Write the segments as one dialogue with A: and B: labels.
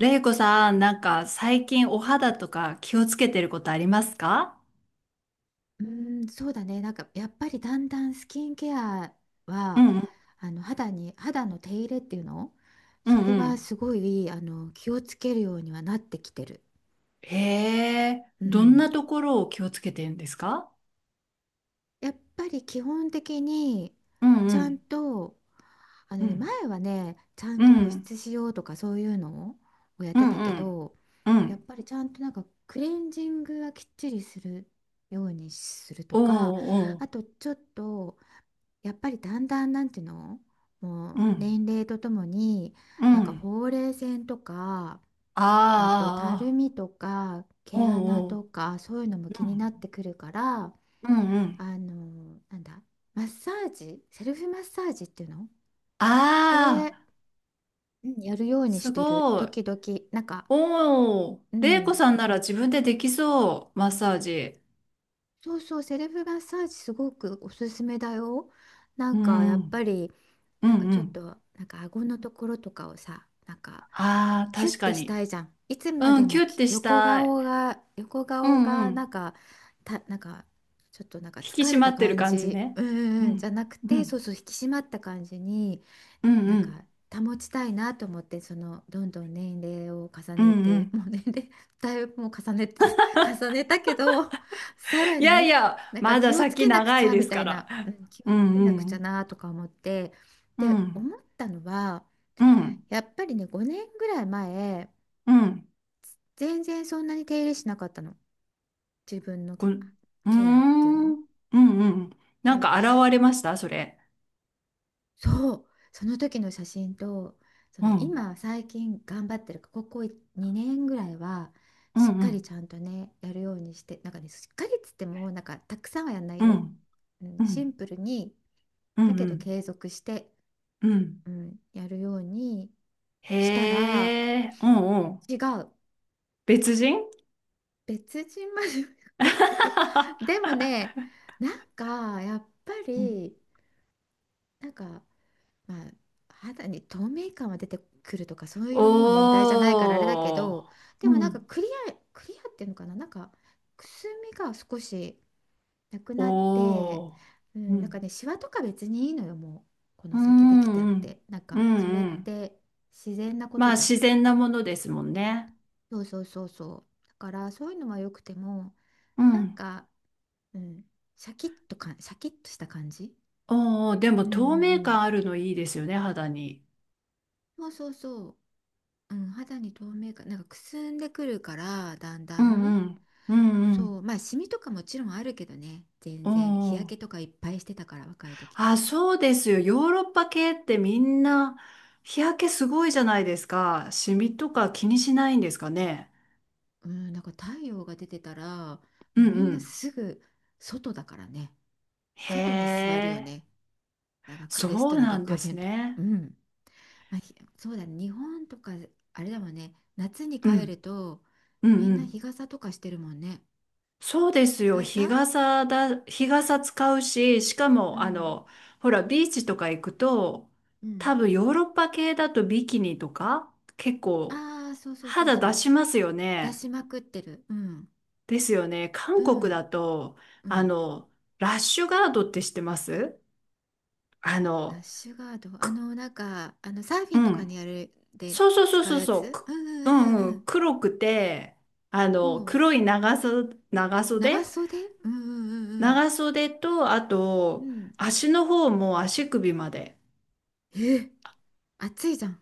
A: れいこさん、なんか最近お肌とか気をつけてることありますか？
B: うーん、そうだね。やっぱりだんだんスキンケア
A: う
B: は
A: んうん
B: 肌に手入れっていうの、
A: うん
B: それ
A: う
B: は
A: ん。
B: すごい、気をつけるようにはなってきてる。
A: へえ、
B: う
A: どんな
B: ん。
A: ところを気をつけてるんですか？
B: やっぱり基本的に
A: うん
B: ち
A: う
B: ゃん
A: ん
B: と、あ
A: う
B: のね、
A: ん
B: 前はね、ちゃん
A: う
B: と保
A: ん
B: 湿しようとか、そういうのをやっ
A: う
B: て
A: ん
B: た
A: う
B: け
A: ん
B: ど、
A: う
B: やっ
A: ん
B: ぱりちゃんと、クレンジングはきっちりするようにすると
A: お
B: か、
A: うおう
B: あとちょっと、やっぱりだんだん、なんていうの、も
A: う
B: う
A: ん
B: 年齢とともに、
A: うん
B: ほうれい線とか、あとたる
A: ああ
B: みとか
A: お
B: 毛穴
A: うおう
B: とか、そういうのも気になってくるから、
A: うんうんう
B: あ
A: ん
B: のなんだマッサージ、セルフマッサージっていうの、そ
A: あ
B: れ、
A: あ
B: うん、やるようにし
A: す
B: てる、
A: ごい。
B: 時々。なんか
A: おお、
B: う
A: れいこ
B: ん、
A: さんなら自分でできそう、マッサージ。
B: そうそう、セルフマッサージすごくおすすめだよ。な
A: う
B: んかや
A: んう
B: っぱ
A: ん
B: り
A: う
B: なんか
A: んう
B: ちょっ
A: ん。
B: となんか顎のところとかをさ、
A: ああ、
B: キュッ
A: 確か
B: てした
A: に。
B: いじゃん。いつま
A: う
B: で
A: ん、キ
B: も、
A: ュッてし
B: 横
A: たい。
B: 顔が、横
A: う
B: 顔
A: んう
B: がな
A: ん。
B: んかたなんかちょっとなんか
A: 引き
B: 疲
A: 締
B: れ
A: ま
B: た
A: ってる
B: 感
A: 感じ
B: じ、
A: ね。う
B: じゃ
A: ん、
B: なく
A: う
B: て、そう
A: ん、
B: そう、引き締まった感じに
A: うん、
B: な
A: う
B: ん
A: ん、
B: か保ちたいなと思って。その、どんどん年齢を重
A: うん
B: ね
A: う
B: て、
A: ん。
B: もう年齢だいぶもう重ねて、 重ねたけど、さら
A: いやい
B: に
A: や、まだ
B: 気をつ
A: 先
B: けなく
A: 長
B: ち
A: い
B: ゃ
A: で
B: み
A: す
B: た
A: か
B: い
A: ら。
B: な、うん、気を
A: う
B: つ
A: ん
B: け
A: う
B: なくちゃ
A: ん、
B: なとか思って。
A: う
B: で、
A: ん、
B: 思ったのは、
A: うん、
B: やっぱりね、5年ぐらい前、
A: うん。
B: 全然そんなに手入れしなかったの、自分の
A: こん、うー
B: ケアっていう
A: ん、う
B: の。
A: んうんうんこうーんうんうん。な
B: そ
A: ん
B: う
A: か現れましたそれ。
B: そう、その時の写真と、そ
A: う
B: の、
A: ん、
B: 今最近頑張ってるか、ここ2年ぐらいは
A: うん
B: しっ
A: う
B: かり
A: ん、
B: ちゃんとね、やるようにして。なんかね、しっかりっつっても、なんかたくさんはやんない
A: うん、
B: よ。うん、
A: うん、う
B: シン
A: ん、
B: プルに、
A: う
B: だけど
A: ん。
B: 継続して
A: うん、
B: うん、やるように
A: へ
B: したら、
A: え、うんうん。
B: 違う。
A: 別人。
B: 別人までは言わないけど、で もね、なんかやっぱ
A: うん。
B: り、なんか、まあ、肌に透明感は出てくるとか、そういうもう年代じゃないからあれだけ
A: おー。
B: ど、で
A: う
B: も
A: ん。
B: クリア、クリアっていうのかな、くすみが少しなくなって、
A: おお。
B: う
A: う
B: ん、なんか
A: ん。
B: ね、シワとか別にいいのよ、もう、こ
A: う
B: の先できたっ
A: んうん。
B: て。
A: う
B: それっ
A: んうん。
B: て自然なこと
A: まあ
B: じゃん。
A: 自然なものですもんね。
B: そうそうそうそう。だから、そういうのは良くても、
A: う
B: なん
A: ん。
B: か、うん、シャキッとか、シャキッとした感じ。
A: おお、でも
B: うんう
A: 透明
B: ん
A: 感あるのいいですよね、肌に。
B: うん。そうそうそう。うん、肌に透明感、くすんでくるから、だんだ
A: うん
B: ん。
A: うん。うんう
B: そう、
A: ん。
B: まあ、シミとかもちろんあるけどね、全
A: お
B: 然。日焼け
A: お。
B: とかいっぱいしてたから、若い時。
A: あ、そうですよ。ヨーロッパ系ってみんな日焼けすごいじゃないですか。シミとか気にしないんですかね。
B: うん、太陽が出てたら、
A: う
B: もう
A: ん
B: みん
A: う
B: な
A: ん。
B: すぐ外だからね。
A: へ
B: 外に座るよ
A: え。
B: ね。なんかかレス
A: そ
B: ト
A: う
B: ランと
A: な
B: か
A: ん
B: カ
A: で
B: フ
A: す
B: ェとか。
A: ね。
B: うん。まあ、そうだね、日本とか、あれだもんね、夏に
A: う
B: 帰る
A: ん。
B: と、
A: うん
B: み
A: う
B: んな
A: ん。
B: 日傘とかしてるもんね。
A: そうです
B: 日
A: よ。日
B: 傘、
A: 傘だ、日傘使うし、しか
B: う
A: も、
B: ん。
A: ほら、ビーチとか行くと、
B: うん。
A: 多分ヨーロッパ系だとビキニとか、結構
B: ああ、そうそうそう
A: 肌
B: そ
A: 出
B: う。
A: しますよ
B: 出
A: ね。
B: しまくってる。うん。
A: ですよね。
B: う
A: 韓国
B: ん。
A: だと、
B: う
A: あ
B: ん。
A: の、ラッシュガードって知ってますあ
B: ラッ
A: の、
B: シュガード。あ
A: く、
B: の、なんか、あの、サーフ
A: う
B: ィンとかに
A: ん。
B: やるで
A: そうそうそう
B: 使う
A: そう
B: や
A: そう。
B: つ。う
A: く
B: ん
A: う
B: うんう
A: んう
B: んう
A: ん。黒くて、あ
B: ん。
A: の、
B: もう、
A: 黒い長袖、長
B: 長
A: 袖、
B: 袖、うんうんうん
A: 長袖と、あ
B: うん。
A: と、
B: うん。
A: 足の方も足首まで。
B: え、暑いじゃん。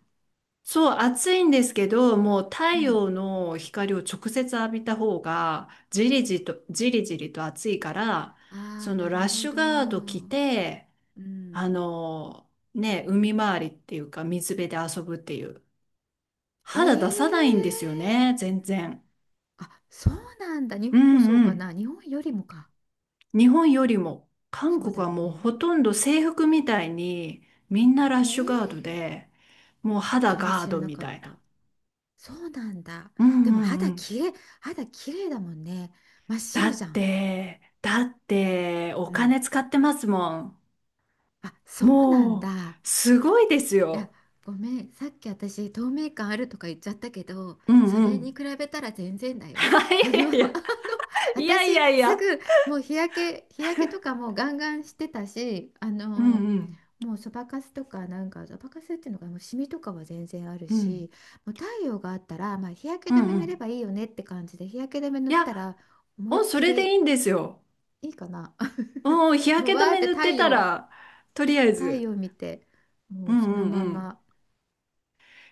A: そう、暑いんですけど、もう太
B: うん。
A: 陽の光を直接浴びた方が、じりじりと、じりじりと暑いから、
B: あ
A: そ
B: あ、
A: の
B: なる
A: ラッ
B: ほ
A: シュ
B: ど。
A: ガード着
B: う
A: て、
B: ん。
A: あの、ね、海回りっていうか、水辺で遊ぶっていう。肌出さないんですよ
B: え
A: ね、
B: え、
A: 全然。
B: あ、そうなんだ。日
A: う
B: 本もそう
A: んう
B: かな。
A: ん。
B: 日本よりもか。
A: 日本よりも韓
B: そう
A: 国
B: だよ
A: はもう
B: ね。
A: ほとんど制服みたいにみんなラッ
B: ね
A: シュガード
B: え、
A: で、もう肌
B: それ
A: ガー
B: 知ら
A: ド
B: な
A: み
B: かっ
A: たいな。
B: た。そうなんだ。
A: うん
B: でも
A: うんう
B: 肌
A: ん。
B: きれい、肌きれいだもんね。真っ
A: だ
B: 白
A: っ
B: じゃん。
A: てだってお
B: うん。
A: 金使ってますもん。
B: あ、そうなん
A: もう
B: だ。
A: すごいです
B: いや、
A: よ。
B: ごめん。さっき私、透明感あるとか言っちゃったけど、
A: うん
B: そ
A: う
B: れに
A: ん。
B: 比べたら全然だよ。あの、あの、
A: いやいやいや
B: 私、
A: いやいやい
B: す
A: や。
B: ぐ、もう日焼け、日焼けとかもうガンガンしてたし、あ
A: う
B: の、
A: んうん
B: もうそばかすとか、そばかすっていうのかな、もうシミとかは全然ある
A: う
B: し、
A: ん
B: もう太陽があったら、まあ、日焼
A: う
B: け止め
A: んう
B: 塗れば
A: ん。
B: いいよねって感じで、日焼け止め塗
A: い
B: っ
A: や、
B: たら、思いっ
A: お、そ
B: き
A: れでいい
B: り
A: んですよ。
B: いいかな。
A: うん、日
B: もう
A: 焼け止
B: わーっ
A: め
B: て
A: 塗っ
B: 太
A: てた
B: 陽、
A: ら、とりあえ
B: 太
A: ず。
B: 陽見て、も
A: う
B: うその
A: んうん
B: ま
A: うん。
B: ま。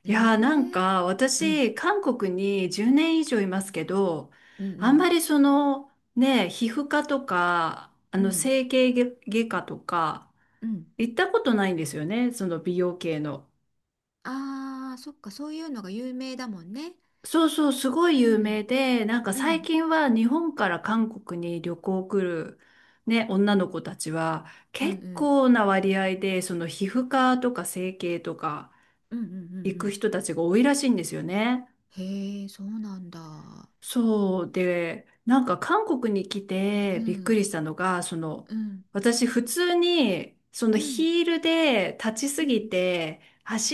B: え
A: い
B: え、
A: やー、なんか
B: うん、
A: 私韓国に10年以上いますけど、
B: う
A: あん
B: ん、
A: まりその、ね、皮膚科とか
B: うん、うん、
A: 整形外科とか
B: うん。
A: 行ったことないんですよね、その美容系の。
B: ああ、そっか、そういうのが有名だもんね。
A: そうそう、すごい
B: う
A: 有
B: ん、
A: 名で、なんか
B: う
A: 最
B: ん、
A: 近は日本から韓国に旅行来るね、女の子たちは
B: うん、う
A: 結
B: ん、
A: 構な割合でその皮膚科とか整形とか
B: うん、うん、うんう
A: 行く
B: ん。
A: 人たちが多いらしいんですよね。
B: へえ、そうなんだ。
A: そうで、なんか韓国に来
B: う
A: てびっく
B: ん、
A: りしたのが、その、
B: うん、
A: 私普通に、その
B: うん、
A: ヒールで立ち
B: う
A: す
B: ん、
A: ぎて、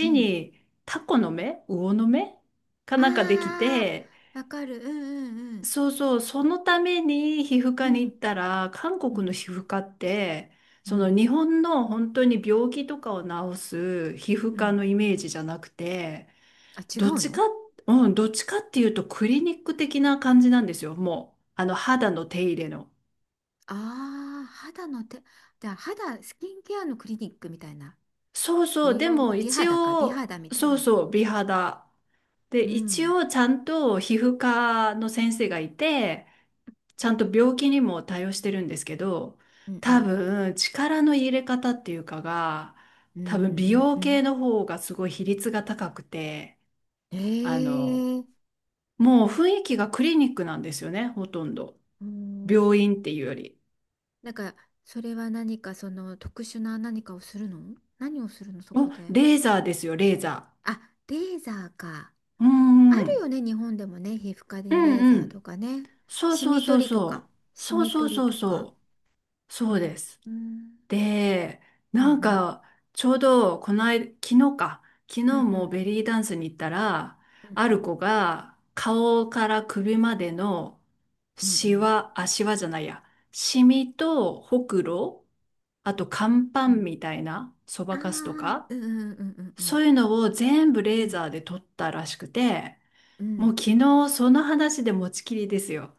B: うん。
A: にタコの目、魚の目かなんかでき
B: あ
A: て、
B: あ、わかる。うん、うん、
A: そうそう、そのために皮膚
B: う
A: 科に行
B: ん、
A: ったら、韓
B: う
A: 国の
B: ん、
A: 皮膚科って、
B: うん、う
A: その
B: ん。
A: 日本の本当に病気とかを治す皮膚
B: う
A: 科
B: ん、
A: のイメージじゃなくて、
B: あ、違
A: どっ
B: う
A: ちか、
B: の。
A: うん、どっちかっていうとクリニック的な感じなんですよ。もう、あの、肌の手入れの。
B: ああー、肌の手、じゃあ肌、スキンケアのクリニックみたいな。
A: そうそう、
B: 美
A: で
B: 容、
A: も
B: 美
A: 一
B: 肌か、美
A: 応、
B: 肌みたい
A: そう
B: な。
A: そう、美肌。で、
B: う
A: 一
B: ん
A: 応ちゃんと皮膚科の先生がいて、ちゃんと病気にも対応してるんですけど、
B: うんう
A: 多
B: ん
A: 分、力の入れ方っていうかが、
B: うん
A: 多分美
B: うん
A: 容
B: う
A: 系
B: ん
A: の方がすごい比率が高くて、
B: う
A: あの、
B: ん、ええ、
A: もう雰囲気がクリニックなんですよね、ほとんど。
B: う
A: 病
B: ん、
A: 院っていうより。
B: なんかそれは何かその特殊な何かをするの、何をするのそこ
A: お、
B: で。
A: レーザーですよ、レーザ
B: あ、レーザーか。
A: ー。う
B: あ
A: んう
B: る
A: ん。
B: よね、日本でもね、皮膚科
A: う
B: にレー
A: ん
B: ザ
A: う
B: ーと
A: ん。
B: かね、
A: そう
B: シ
A: そう
B: ミ
A: そう
B: 取りとか、
A: そう。
B: シ
A: そう
B: ミ
A: そう
B: 取り
A: そう
B: とか。
A: そう。
B: う
A: そう
B: ん
A: です。
B: うん
A: で、
B: う
A: なん
B: ん
A: か、ちょうど、この間、昨日か。昨
B: うん
A: 日
B: う
A: も
B: ん
A: ベリーダンスに行ったら、
B: う
A: あ
B: んう
A: る
B: ん
A: 子が、顔から首までの、
B: うんう
A: シ
B: ん
A: ワ、あ、シワじゃないや。シミと、ほくろ、あと、乾パ
B: う
A: ン
B: ん、
A: みたいな、そ
B: ああ
A: ばかすとか、
B: ー、うんうんうんう
A: そ
B: ん
A: ういうのを全部
B: う
A: レー
B: ん
A: ザーで取ったらしくて、
B: うん、う
A: もう
B: ん、
A: 昨日その話で持ちきりですよ。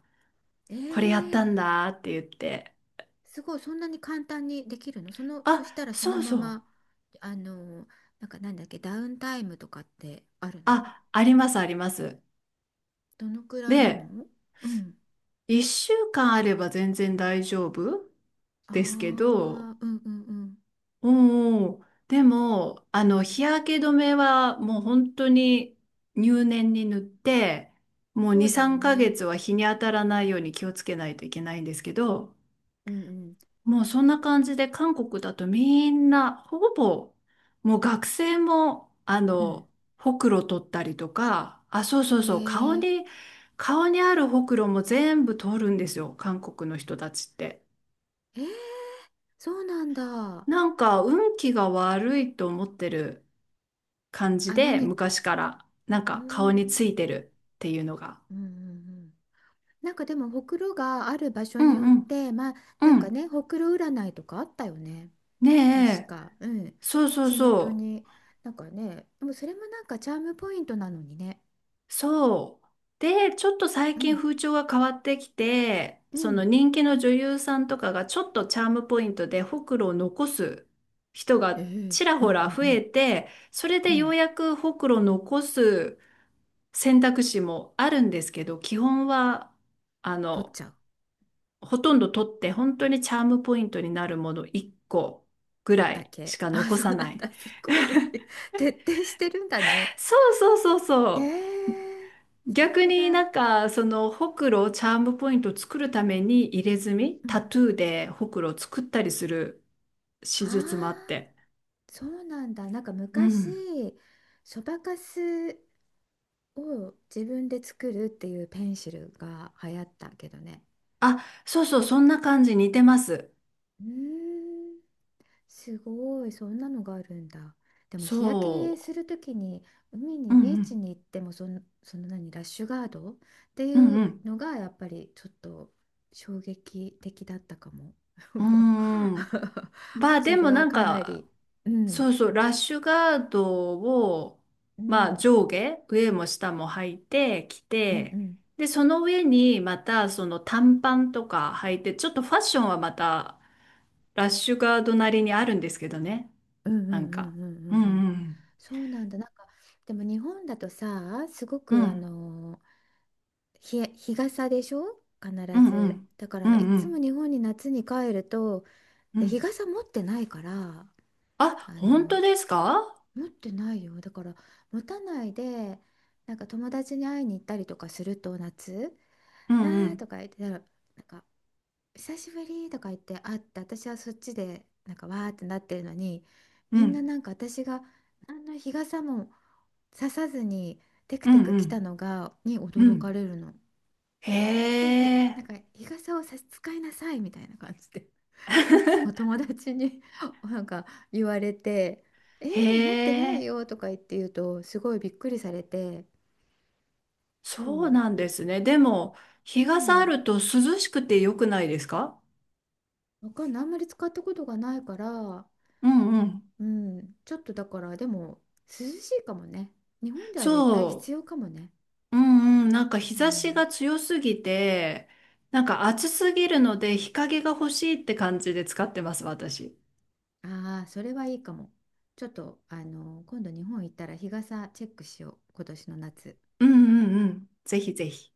A: これやっ
B: ええ、
A: たんだって言って。
B: すごい、そんなに簡単にできるの、その、そ
A: あ、
B: したらその
A: そう
B: ま
A: そう。
B: ま、あの、なんかなんだっけ、ダウンタイムとかってあるの、
A: あ、ありますあります。
B: どのくらいな
A: で、
B: の。うん。
A: 1週間あれば全然大丈夫
B: ああ、う
A: ですけど、
B: んうんうん。
A: うんうん。でも、あ
B: う
A: の、
B: ん。
A: 日焼け止めはもう本当に入念に塗って、もう
B: そ
A: 2、
B: うだよ
A: 3ヶ
B: ね。
A: 月は日に当たらないように気をつけないといけないんですけど、
B: うんうん。
A: もうそんな感じで韓国だとみんなほぼもう学生も
B: うん。
A: ほくろ取ったりとか、あ、そうそう
B: へ
A: そう、顔
B: え。
A: に、顔にあるほくろも全部取るんですよ韓国の人たちって。
B: えー、そうなんだ。
A: なんか運気が悪いと思ってる感じ
B: あ、
A: で、
B: 何、
A: 昔からなん
B: うー
A: か顔につ
B: ん。
A: いてるっていうのが。
B: うんうんうん、でも、ほくろがある場所
A: う
B: に
A: ん
B: よっ
A: うん
B: て、まあ、
A: う
B: なんか
A: ん。
B: ね、ほくろ占いとかあったよね。確
A: ねえ、
B: か、うん、
A: そうそう
B: 口元
A: そ
B: に、
A: う。
B: なんかね、でもそれもなんかチャームポイントなのにね、
A: そう。で、ちょっと最
B: う
A: 近
B: ん、
A: 風潮が変わってきて、
B: う
A: その
B: ん、
A: 人気の女優さんとかがちょっとチャームポイントでほくろを残す人
B: え
A: が
B: え、
A: ちら
B: うん
A: ほ
B: う
A: ら
B: んう
A: 増
B: ん、
A: えて、それ
B: う
A: でよ
B: ん、
A: うやくほくろを残す選択肢もあるんですけど、基本は、あ
B: 取っ
A: の、
B: ちゃう
A: ほとんど取って本当にチャームポイントになるもの1個ぐら
B: だ
A: いし
B: け。
A: か
B: あ、
A: 残
B: そう
A: さ
B: な
A: な
B: ん
A: い。
B: だ、すごい。徹底してるんだね。
A: そうそうそうそ
B: え
A: う。
B: え、さ
A: 逆
B: す
A: にな
B: が。
A: んかそのほくろをチャームポイントを作るために入れ墨、
B: うん、
A: タトゥーでほくろを作ったりする
B: あ
A: 手術もあっ
B: あ、
A: て。
B: そうなんだ。なんか
A: う
B: 昔、
A: ん、
B: そばかすを自分で作るっていうペンシルが流行ったけどね。
A: あ、そうそう、そんな感じ、似てます。
B: うーん、すごい、そんなのがあるんだ。でも日焼けす
A: そ
B: るときに海に
A: う、う
B: ビーチ
A: ん
B: に行っても、その、その何ラッシュガードってい
A: うん
B: う
A: うん
B: のがやっぱりちょっと衝撃的だったかも。
A: うんうーん、 まあ
B: そ
A: で
B: れ
A: も
B: は
A: なん
B: かな
A: か、
B: り、う
A: そ
B: ん、
A: うそう、ラッシュガードを、
B: う
A: まあ
B: ん、
A: 上下、上も下も履いてき
B: うんう
A: て、
B: ん
A: で、その上にまたその短パンとか履いて、ちょっとファッションはまたラッシュガードなりにあるんですけどね。
B: うんうん
A: なん
B: う
A: か。
B: んうん
A: うん
B: うんうん、
A: うん。
B: そうなんだ。でも日本だとさ、すご
A: う
B: くあ
A: ん。
B: の、日傘でしょ、必
A: うんう
B: ず。
A: ん。
B: だか
A: う
B: らい
A: んう
B: つも
A: ん。
B: 日本に夏に帰ると、
A: う
B: で、日
A: ん、
B: 傘持ってないから、
A: あ、
B: あ
A: 本
B: の、
A: 当ですか？
B: 持ってないよ、だから持たないで、友達に会いに行ったりとかすると夏
A: う
B: 「わ
A: んう
B: ー」と
A: ん。
B: か言ってたら、なんか「久しぶり」とか言って会って、私はそっちでわーってなってるのに、
A: う
B: みんな、
A: ん。
B: なんか私が何の日傘もささずにテク
A: う
B: テ
A: ん
B: ク
A: う
B: 来た
A: ん。
B: のが
A: う
B: 驚か
A: ん。
B: れるの。
A: へ
B: なんでひ、なん
A: え。
B: か日傘を使いなさいみたいな感じで、いつも友達に なんか言われて、「え
A: へ
B: ー、持ってない
A: え。
B: よ」とか言って言うと、すごいびっくりされて、そ
A: そう
B: う、
A: なんですね。でも、
B: う
A: 日傘あ
B: ん、
A: ると涼しくて良くないですか？
B: わかんない、あんまり使ったことがないから、
A: うんうん。
B: うん、ちょっとだからでも涼しいかもね、日本では絶対
A: そ
B: 必要かもね、
A: う。うんうん。なんか日
B: う
A: 差し
B: ん、
A: が強すぎて、なんか暑すぎるので日陰が欲しいって感じで使ってます、私。
B: ああ、それはいいかも。ちょっとあの、今度日本行ったら日傘チェックしよう、今年の夏。
A: うんうんうん。ぜひぜひ。